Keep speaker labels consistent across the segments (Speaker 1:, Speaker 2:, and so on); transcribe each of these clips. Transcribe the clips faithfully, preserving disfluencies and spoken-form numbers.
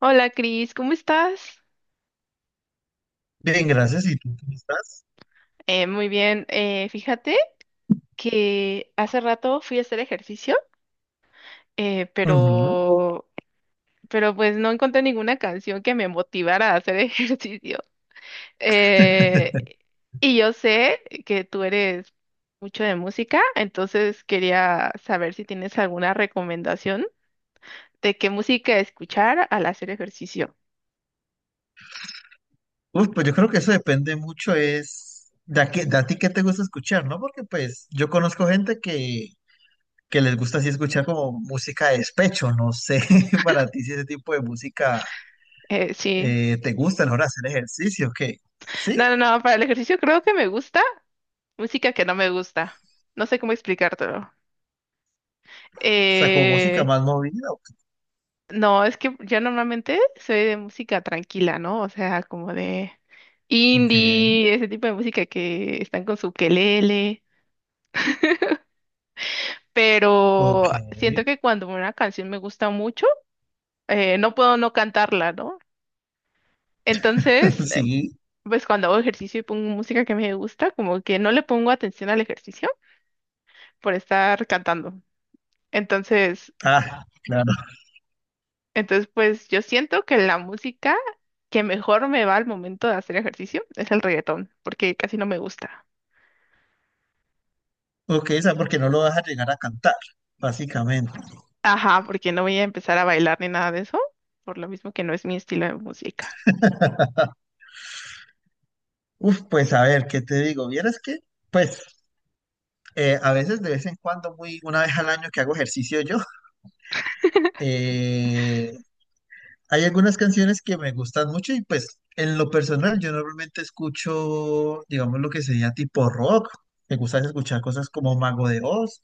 Speaker 1: Hola, Cris, ¿cómo estás?
Speaker 2: Bien, gracias. ¿Y tú cómo estás?
Speaker 1: Eh, muy bien. Eh, fíjate que hace rato fui a hacer ejercicio, eh,
Speaker 2: Ujú.
Speaker 1: pero, pero pues no encontré ninguna canción que me motivara a hacer ejercicio. Eh, y yo sé que tú eres mucho de música, entonces quería saber si tienes alguna recomendación de qué música escuchar al hacer ejercicio.
Speaker 2: Uf, pues yo creo que eso depende mucho, es de a, qué- de a ti qué te gusta escuchar, ¿no? Porque pues yo conozco gente que, que les gusta así escuchar como música de despecho, no sé para ti si ese tipo de música
Speaker 1: Eh, sí,
Speaker 2: eh, te gusta a la hora de hacer ejercicio, ¿qué? ¿Sí?
Speaker 1: no, no, no, para el ejercicio creo que me gusta música que no me gusta. No sé cómo explicártelo.
Speaker 2: O sea, como música
Speaker 1: Eh,
Speaker 2: más movida.
Speaker 1: no, es que yo normalmente soy de música tranquila, ¿no? O sea, como de
Speaker 2: Ok,
Speaker 1: indie, ese tipo de música que están con su quelele.
Speaker 2: ok,
Speaker 1: Pero siento que cuando una canción me gusta mucho, eh, no puedo no cantarla, ¿no? Entonces, eh,
Speaker 2: sí.
Speaker 1: pues cuando hago ejercicio y pongo música que me gusta, como que no le pongo atención al ejercicio por estar cantando. Entonces,
Speaker 2: Ah, claro.
Speaker 1: Entonces, pues yo siento que la música que mejor me va al momento de hacer ejercicio es el reggaetón, porque casi no me gusta.
Speaker 2: Ok, o sea, porque no lo vas a llegar a cantar, básicamente.
Speaker 1: Ajá, porque no voy a empezar a bailar ni nada de eso, por lo mismo que no es mi estilo de música.
Speaker 2: Uf, pues a ver, ¿qué te digo? Vieras que, pues, eh, a veces de vez en cuando, muy una vez al año que hago ejercicio yo, eh, hay algunas canciones que me gustan mucho y pues en lo personal yo normalmente escucho, digamos, lo que sería tipo rock. Me gusta escuchar cosas como Mago de Oz,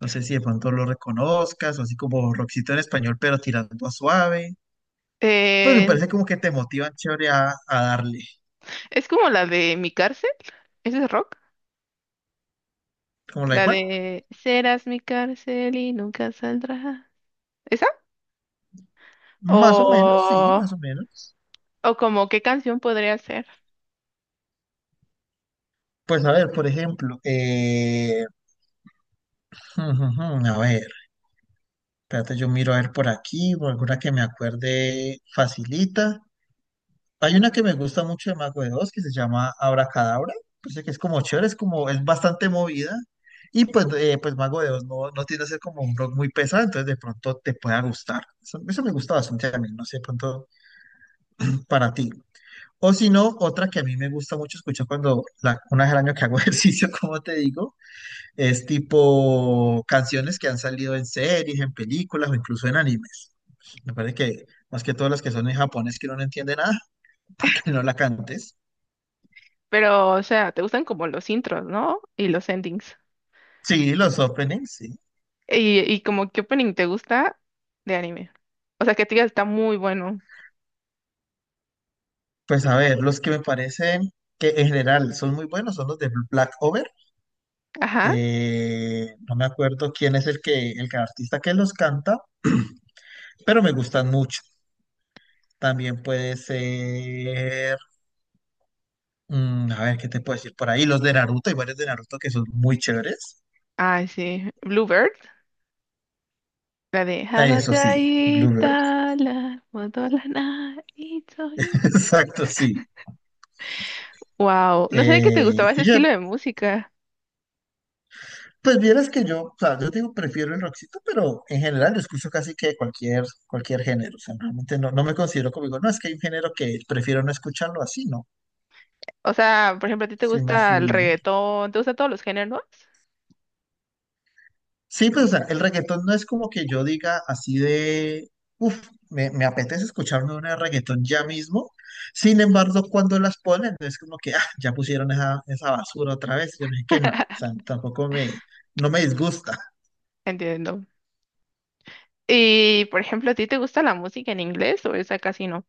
Speaker 2: no sé si de pronto lo reconozcas, o así como rockcito en español, pero tirando a suave. Pues me
Speaker 1: Eh,
Speaker 2: parece como que te motivan chévere a, a darle.
Speaker 1: es como la de Mi cárcel, ese es rock,
Speaker 2: ¿Como la de
Speaker 1: la
Speaker 2: cuál?
Speaker 1: de Serás mi cárcel y nunca saldrás. ¿Esa?
Speaker 2: Más o menos, sí,
Speaker 1: O,
Speaker 2: más o menos.
Speaker 1: o como qué canción podría ser.
Speaker 2: Pues a ver, por ejemplo, eh, a ver, espérate, yo miro a ver por aquí, o alguna que me acuerde facilita. Hay una que me gusta mucho de Mago de Oz que se llama Abracadabra, pues que es como chévere, es como, es bastante movida. Y pues, eh, pues Mago de Oz no, no tiende a ser como un rock muy pesado, entonces de pronto te pueda gustar. Eso, eso me gusta bastante a mí, no sé, de pronto para ti. O si no, otra que a mí me gusta mucho escuchar cuando, la, una vez al año que hago ejercicio, como te digo. Es tipo canciones que han salido en series, en películas o incluso en animes. Me parece que más que todas las que son en japonés que uno no entiende nada, para que no la cantes.
Speaker 1: Pero, o sea, te gustan como los intros, ¿no? Y los endings.
Speaker 2: Sí, los openings, sí.
Speaker 1: Y, y como, ¿qué opening te gusta de anime? O sea, que te diga, está muy bueno.
Speaker 2: Pues a ver, los que me parecen que en general son muy buenos son los de Black Over.
Speaker 1: Ajá.
Speaker 2: Eh, no me acuerdo quién es el que, el que- artista que los canta, pero me gustan mucho. También puede ser, mm, a ver, ¿qué te puedo decir por ahí? Los de Naruto, hay varios de Naruto que son muy chéveres.
Speaker 1: Ay, sí. Bluebird. La de
Speaker 2: Ah, eso sí, Bluebird.
Speaker 1: Habataitala, Modolana, Itoi.
Speaker 2: Exacto, sí.
Speaker 1: Wow, no sabía que te
Speaker 2: Eh,
Speaker 1: gustaba ese
Speaker 2: y ya,
Speaker 1: estilo de música.
Speaker 2: pues vieras que yo, o sea, yo digo, prefiero el rockcito, pero en general yo escucho casi que cualquier, cualquier género. O sea, realmente no, no me considero como digo, no, es que hay un género que prefiero no escucharlo así, no.
Speaker 1: O sea, por ejemplo, a ti te
Speaker 2: Soy más
Speaker 1: gusta el
Speaker 2: fluido.
Speaker 1: reggaetón, te gustan todos los géneros.
Speaker 2: Sí, pues o sea, el reggaetón no es como que yo diga así de, uff, me, me apetece escucharme una de reggaetón ya mismo. Sin embargo, cuando las ponen, no es como que, ah, ya pusieron esa, esa basura otra vez. Yo no sé que no, o sea, tampoco me, no me disgusta.
Speaker 1: Entiendo. Y, por ejemplo, ¿a ti te gusta la música en inglés o esa casi no?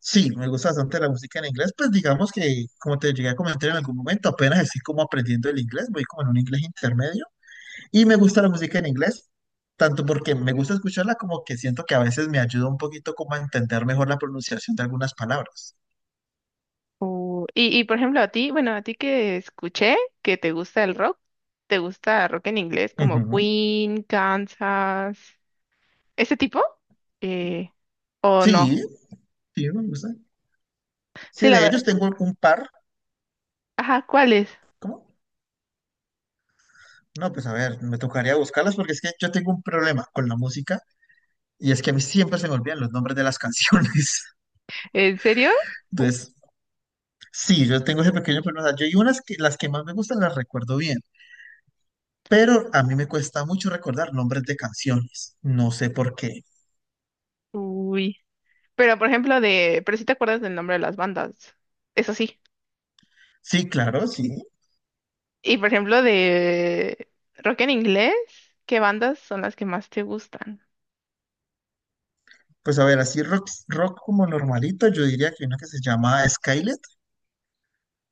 Speaker 2: Sí, me gusta bastante la música en inglés, pues digamos que, como te llegué a comentar en algún momento, apenas estoy como aprendiendo el inglés, voy como en un inglés intermedio. Y me gusta la música en inglés, tanto porque me gusta escucharla como que siento que a veces me ayuda un poquito como a entender mejor la pronunciación de algunas palabras.
Speaker 1: Uh, y, y por ejemplo, a ti, bueno, a ti que escuché que te gusta el rock, ¿te gusta rock en inglés como
Speaker 2: Ujú.
Speaker 1: Queen, Kansas, ese tipo? Eh, ¿O no?
Speaker 2: Sí, sí, me gusta. Sí,
Speaker 1: Sí, la
Speaker 2: de ellos
Speaker 1: verdad.
Speaker 2: tengo un par.
Speaker 1: Ajá, ¿cuáles?
Speaker 2: ¿Cómo? No, pues a ver, me tocaría buscarlas porque es que yo tengo un problema con la música y es que a mí siempre se me olvidan los nombres de las canciones.
Speaker 1: ¿En serio? U-
Speaker 2: Entonces, sí, yo tengo ese pequeño problema. O sea, yo y unas que las que más me gustan las recuerdo bien, pero a mí me cuesta mucho recordar nombres de canciones. No sé por qué.
Speaker 1: Uy. Pero por ejemplo de, pero si te acuerdas del nombre de las bandas, eso sí.
Speaker 2: Sí, claro, sí.
Speaker 1: Y por ejemplo de rock en inglés, ¿qué bandas son las que más te gustan?
Speaker 2: Pues a ver, así rock, rock como normalito, yo diría que uno que se llama Skylet,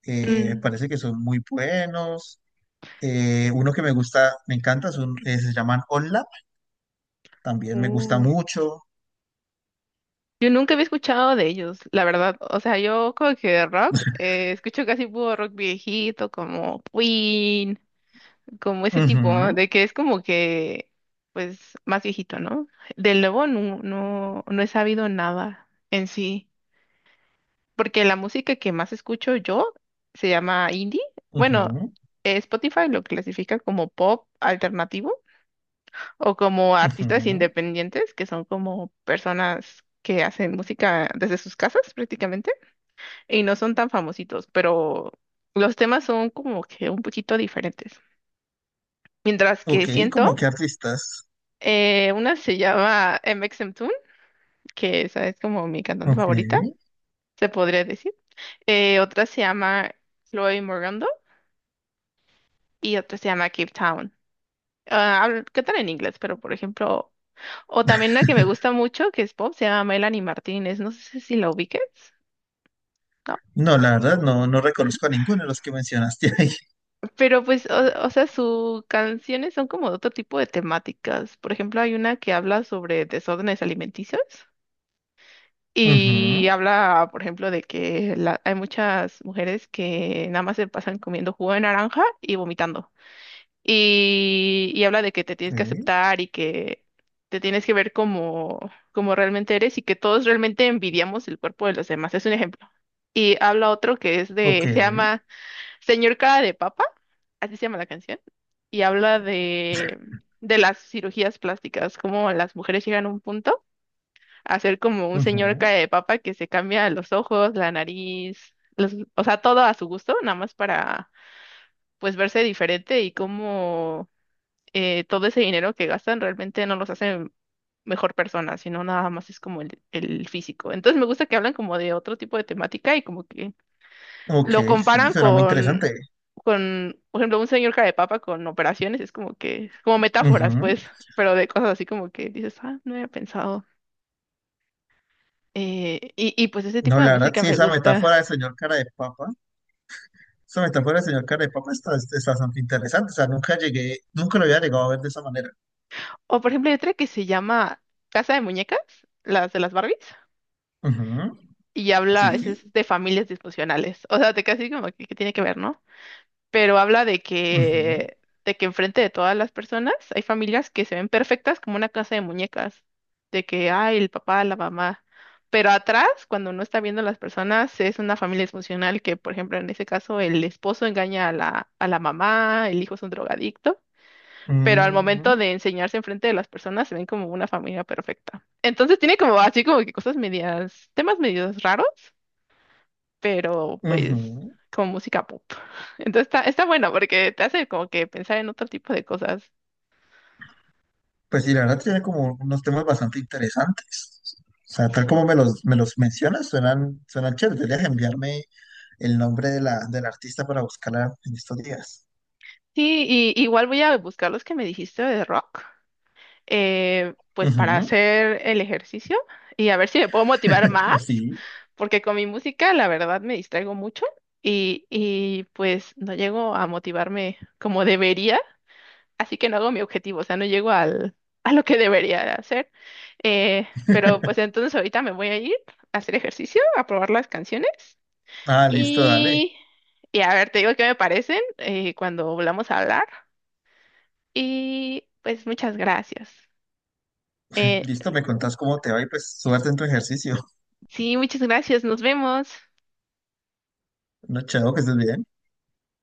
Speaker 2: eh,
Speaker 1: Mm,
Speaker 2: parece que son muy buenos. Eh, uno que me gusta, me encanta, es eh, se llaman OnLap, también me gusta
Speaker 1: Uy,
Speaker 2: mucho.
Speaker 1: yo nunca había escuchado de ellos, la verdad. O sea, yo como que de rock, eh, escucho casi puro rock viejito, como Queen, como ese tipo,
Speaker 2: Ujú,
Speaker 1: de que es como que, pues, más viejito, ¿no? Del nuevo no, no, no he sabido nada en sí, porque la música que más escucho yo se llama indie. Bueno,
Speaker 2: ujú,
Speaker 1: eh, Spotify lo clasifica como pop alternativo o como artistas
Speaker 2: ujú.
Speaker 1: independientes, que son como personas que hacen música desde sus casas prácticamente y no son tan famositos, pero los temas son como que un poquito diferentes. Mientras que
Speaker 2: Ok,
Speaker 1: siento,
Speaker 2: como qué artistas.
Speaker 1: eh, una se llama MXMToon, que esa es como mi cantante
Speaker 2: Ok.
Speaker 1: favorita, se podría decir. Eh, otra se llama Chloe Morgando y otra se llama Cape Town. Ah, hablo- cantan en inglés, pero por ejemplo, o también una que me gusta mucho, que es pop, se llama Melanie Martínez, no sé si la ubiques, ¿no?
Speaker 2: No, la verdad, no, no reconozco a ninguno de los que mencionaste ahí.
Speaker 1: Pero pues, o, o sea, sus canciones son como de otro tipo de temáticas. Por ejemplo, hay una que habla sobre desórdenes alimenticios y
Speaker 2: Ujú,
Speaker 1: habla, por ejemplo, de que la- hay muchas mujeres que nada más se pasan comiendo jugo de naranja y vomitando. Y, y habla de que te tienes que
Speaker 2: ok,
Speaker 1: aceptar y que te tienes que ver como, como realmente eres y que todos realmente envidiamos el cuerpo de los demás. Es un ejemplo. Y habla otro que es
Speaker 2: ok,
Speaker 1: de, se llama Señor Cara de Papa, así se llama la canción y habla de, de las cirugías plásticas, cómo las mujeres llegan a un punto a ser como un señor
Speaker 2: ujú,
Speaker 1: cara de papa que se cambia los ojos, la nariz, los- o sea, todo a su gusto, nada más para pues verse diferente y cómo eh, todo ese dinero que gastan realmente no los hace mejor persona, sino nada más es como el, el físico. Entonces me gusta que hablan como de otro tipo de temática y como que
Speaker 2: ok,
Speaker 1: lo
Speaker 2: sí,
Speaker 1: comparan
Speaker 2: suena muy
Speaker 1: con,
Speaker 2: interesante.
Speaker 1: con, por ejemplo, un señor cara de papa con operaciones, es como que, como metáforas,
Speaker 2: Ujú.
Speaker 1: pues, pero de cosas así como que dices, ah, no había pensado. Eh, y, y pues ese
Speaker 2: No,
Speaker 1: tipo de
Speaker 2: la verdad,
Speaker 1: música
Speaker 2: sí,
Speaker 1: me
Speaker 2: esa
Speaker 1: gusta.
Speaker 2: metáfora del señor cara de papa. Esa metáfora del señor Carepapa está, está bastante interesante. O sea, nunca llegué, nunca lo había llegado a ver de esa manera.
Speaker 1: O por ejemplo, hay otra que se llama Casa de Muñecas, las de las Barbies,
Speaker 2: Ujú,
Speaker 1: y habla,
Speaker 2: sí.
Speaker 1: es, es de familias disfuncionales. O sea, te casi como que, que tiene que ver, ¿no? Pero habla de
Speaker 2: Ujú,
Speaker 1: que, de que enfrente de todas las personas hay familias que se ven perfectas como una casa de muñecas, de que, ay, el papá, la mamá, pero atrás, cuando no está viendo las personas, es una familia disfuncional que, por ejemplo, en ese caso, el esposo engaña a la, a la mamá, el hijo es un drogadicto. Pero al momento
Speaker 2: ujú,
Speaker 1: de enseñarse enfrente de las personas se ven como una familia perfecta. Entonces tiene como así como que cosas medias, temas medios raros, pero pues
Speaker 2: ujú.
Speaker 1: como música pop. Entonces está, está bueno porque te hace como que pensar en otro tipo de cosas.
Speaker 2: Pues sí, la verdad tiene como unos temas bastante interesantes. O sea, tal como me los, me los mencionas, suenan, suenan chéveres. Deberías enviarme el nombre de la, del artista para buscarla en estos días.
Speaker 1: Sí, y igual voy a buscar los que me dijiste de rock, eh, pues para
Speaker 2: Ujú,
Speaker 1: hacer el ejercicio y a ver si me puedo motivar más,
Speaker 2: pues sí.
Speaker 1: porque con mi música la verdad me distraigo mucho y, y pues no llego a motivarme como debería, así que no hago mi objetivo, o sea, no llego al, a lo que debería hacer. Eh, pero pues entonces ahorita me voy a ir a hacer ejercicio, a probar las canciones
Speaker 2: Ah, listo, dale.
Speaker 1: y, y a ver, te digo qué me parecen eh, cuando volvamos a hablar. Y pues muchas gracias. Eh,
Speaker 2: Listo, me contás cómo te va y pues suerte en tu ejercicio.
Speaker 1: sí, muchas gracias, nos vemos.
Speaker 2: No, chao, que estés bien.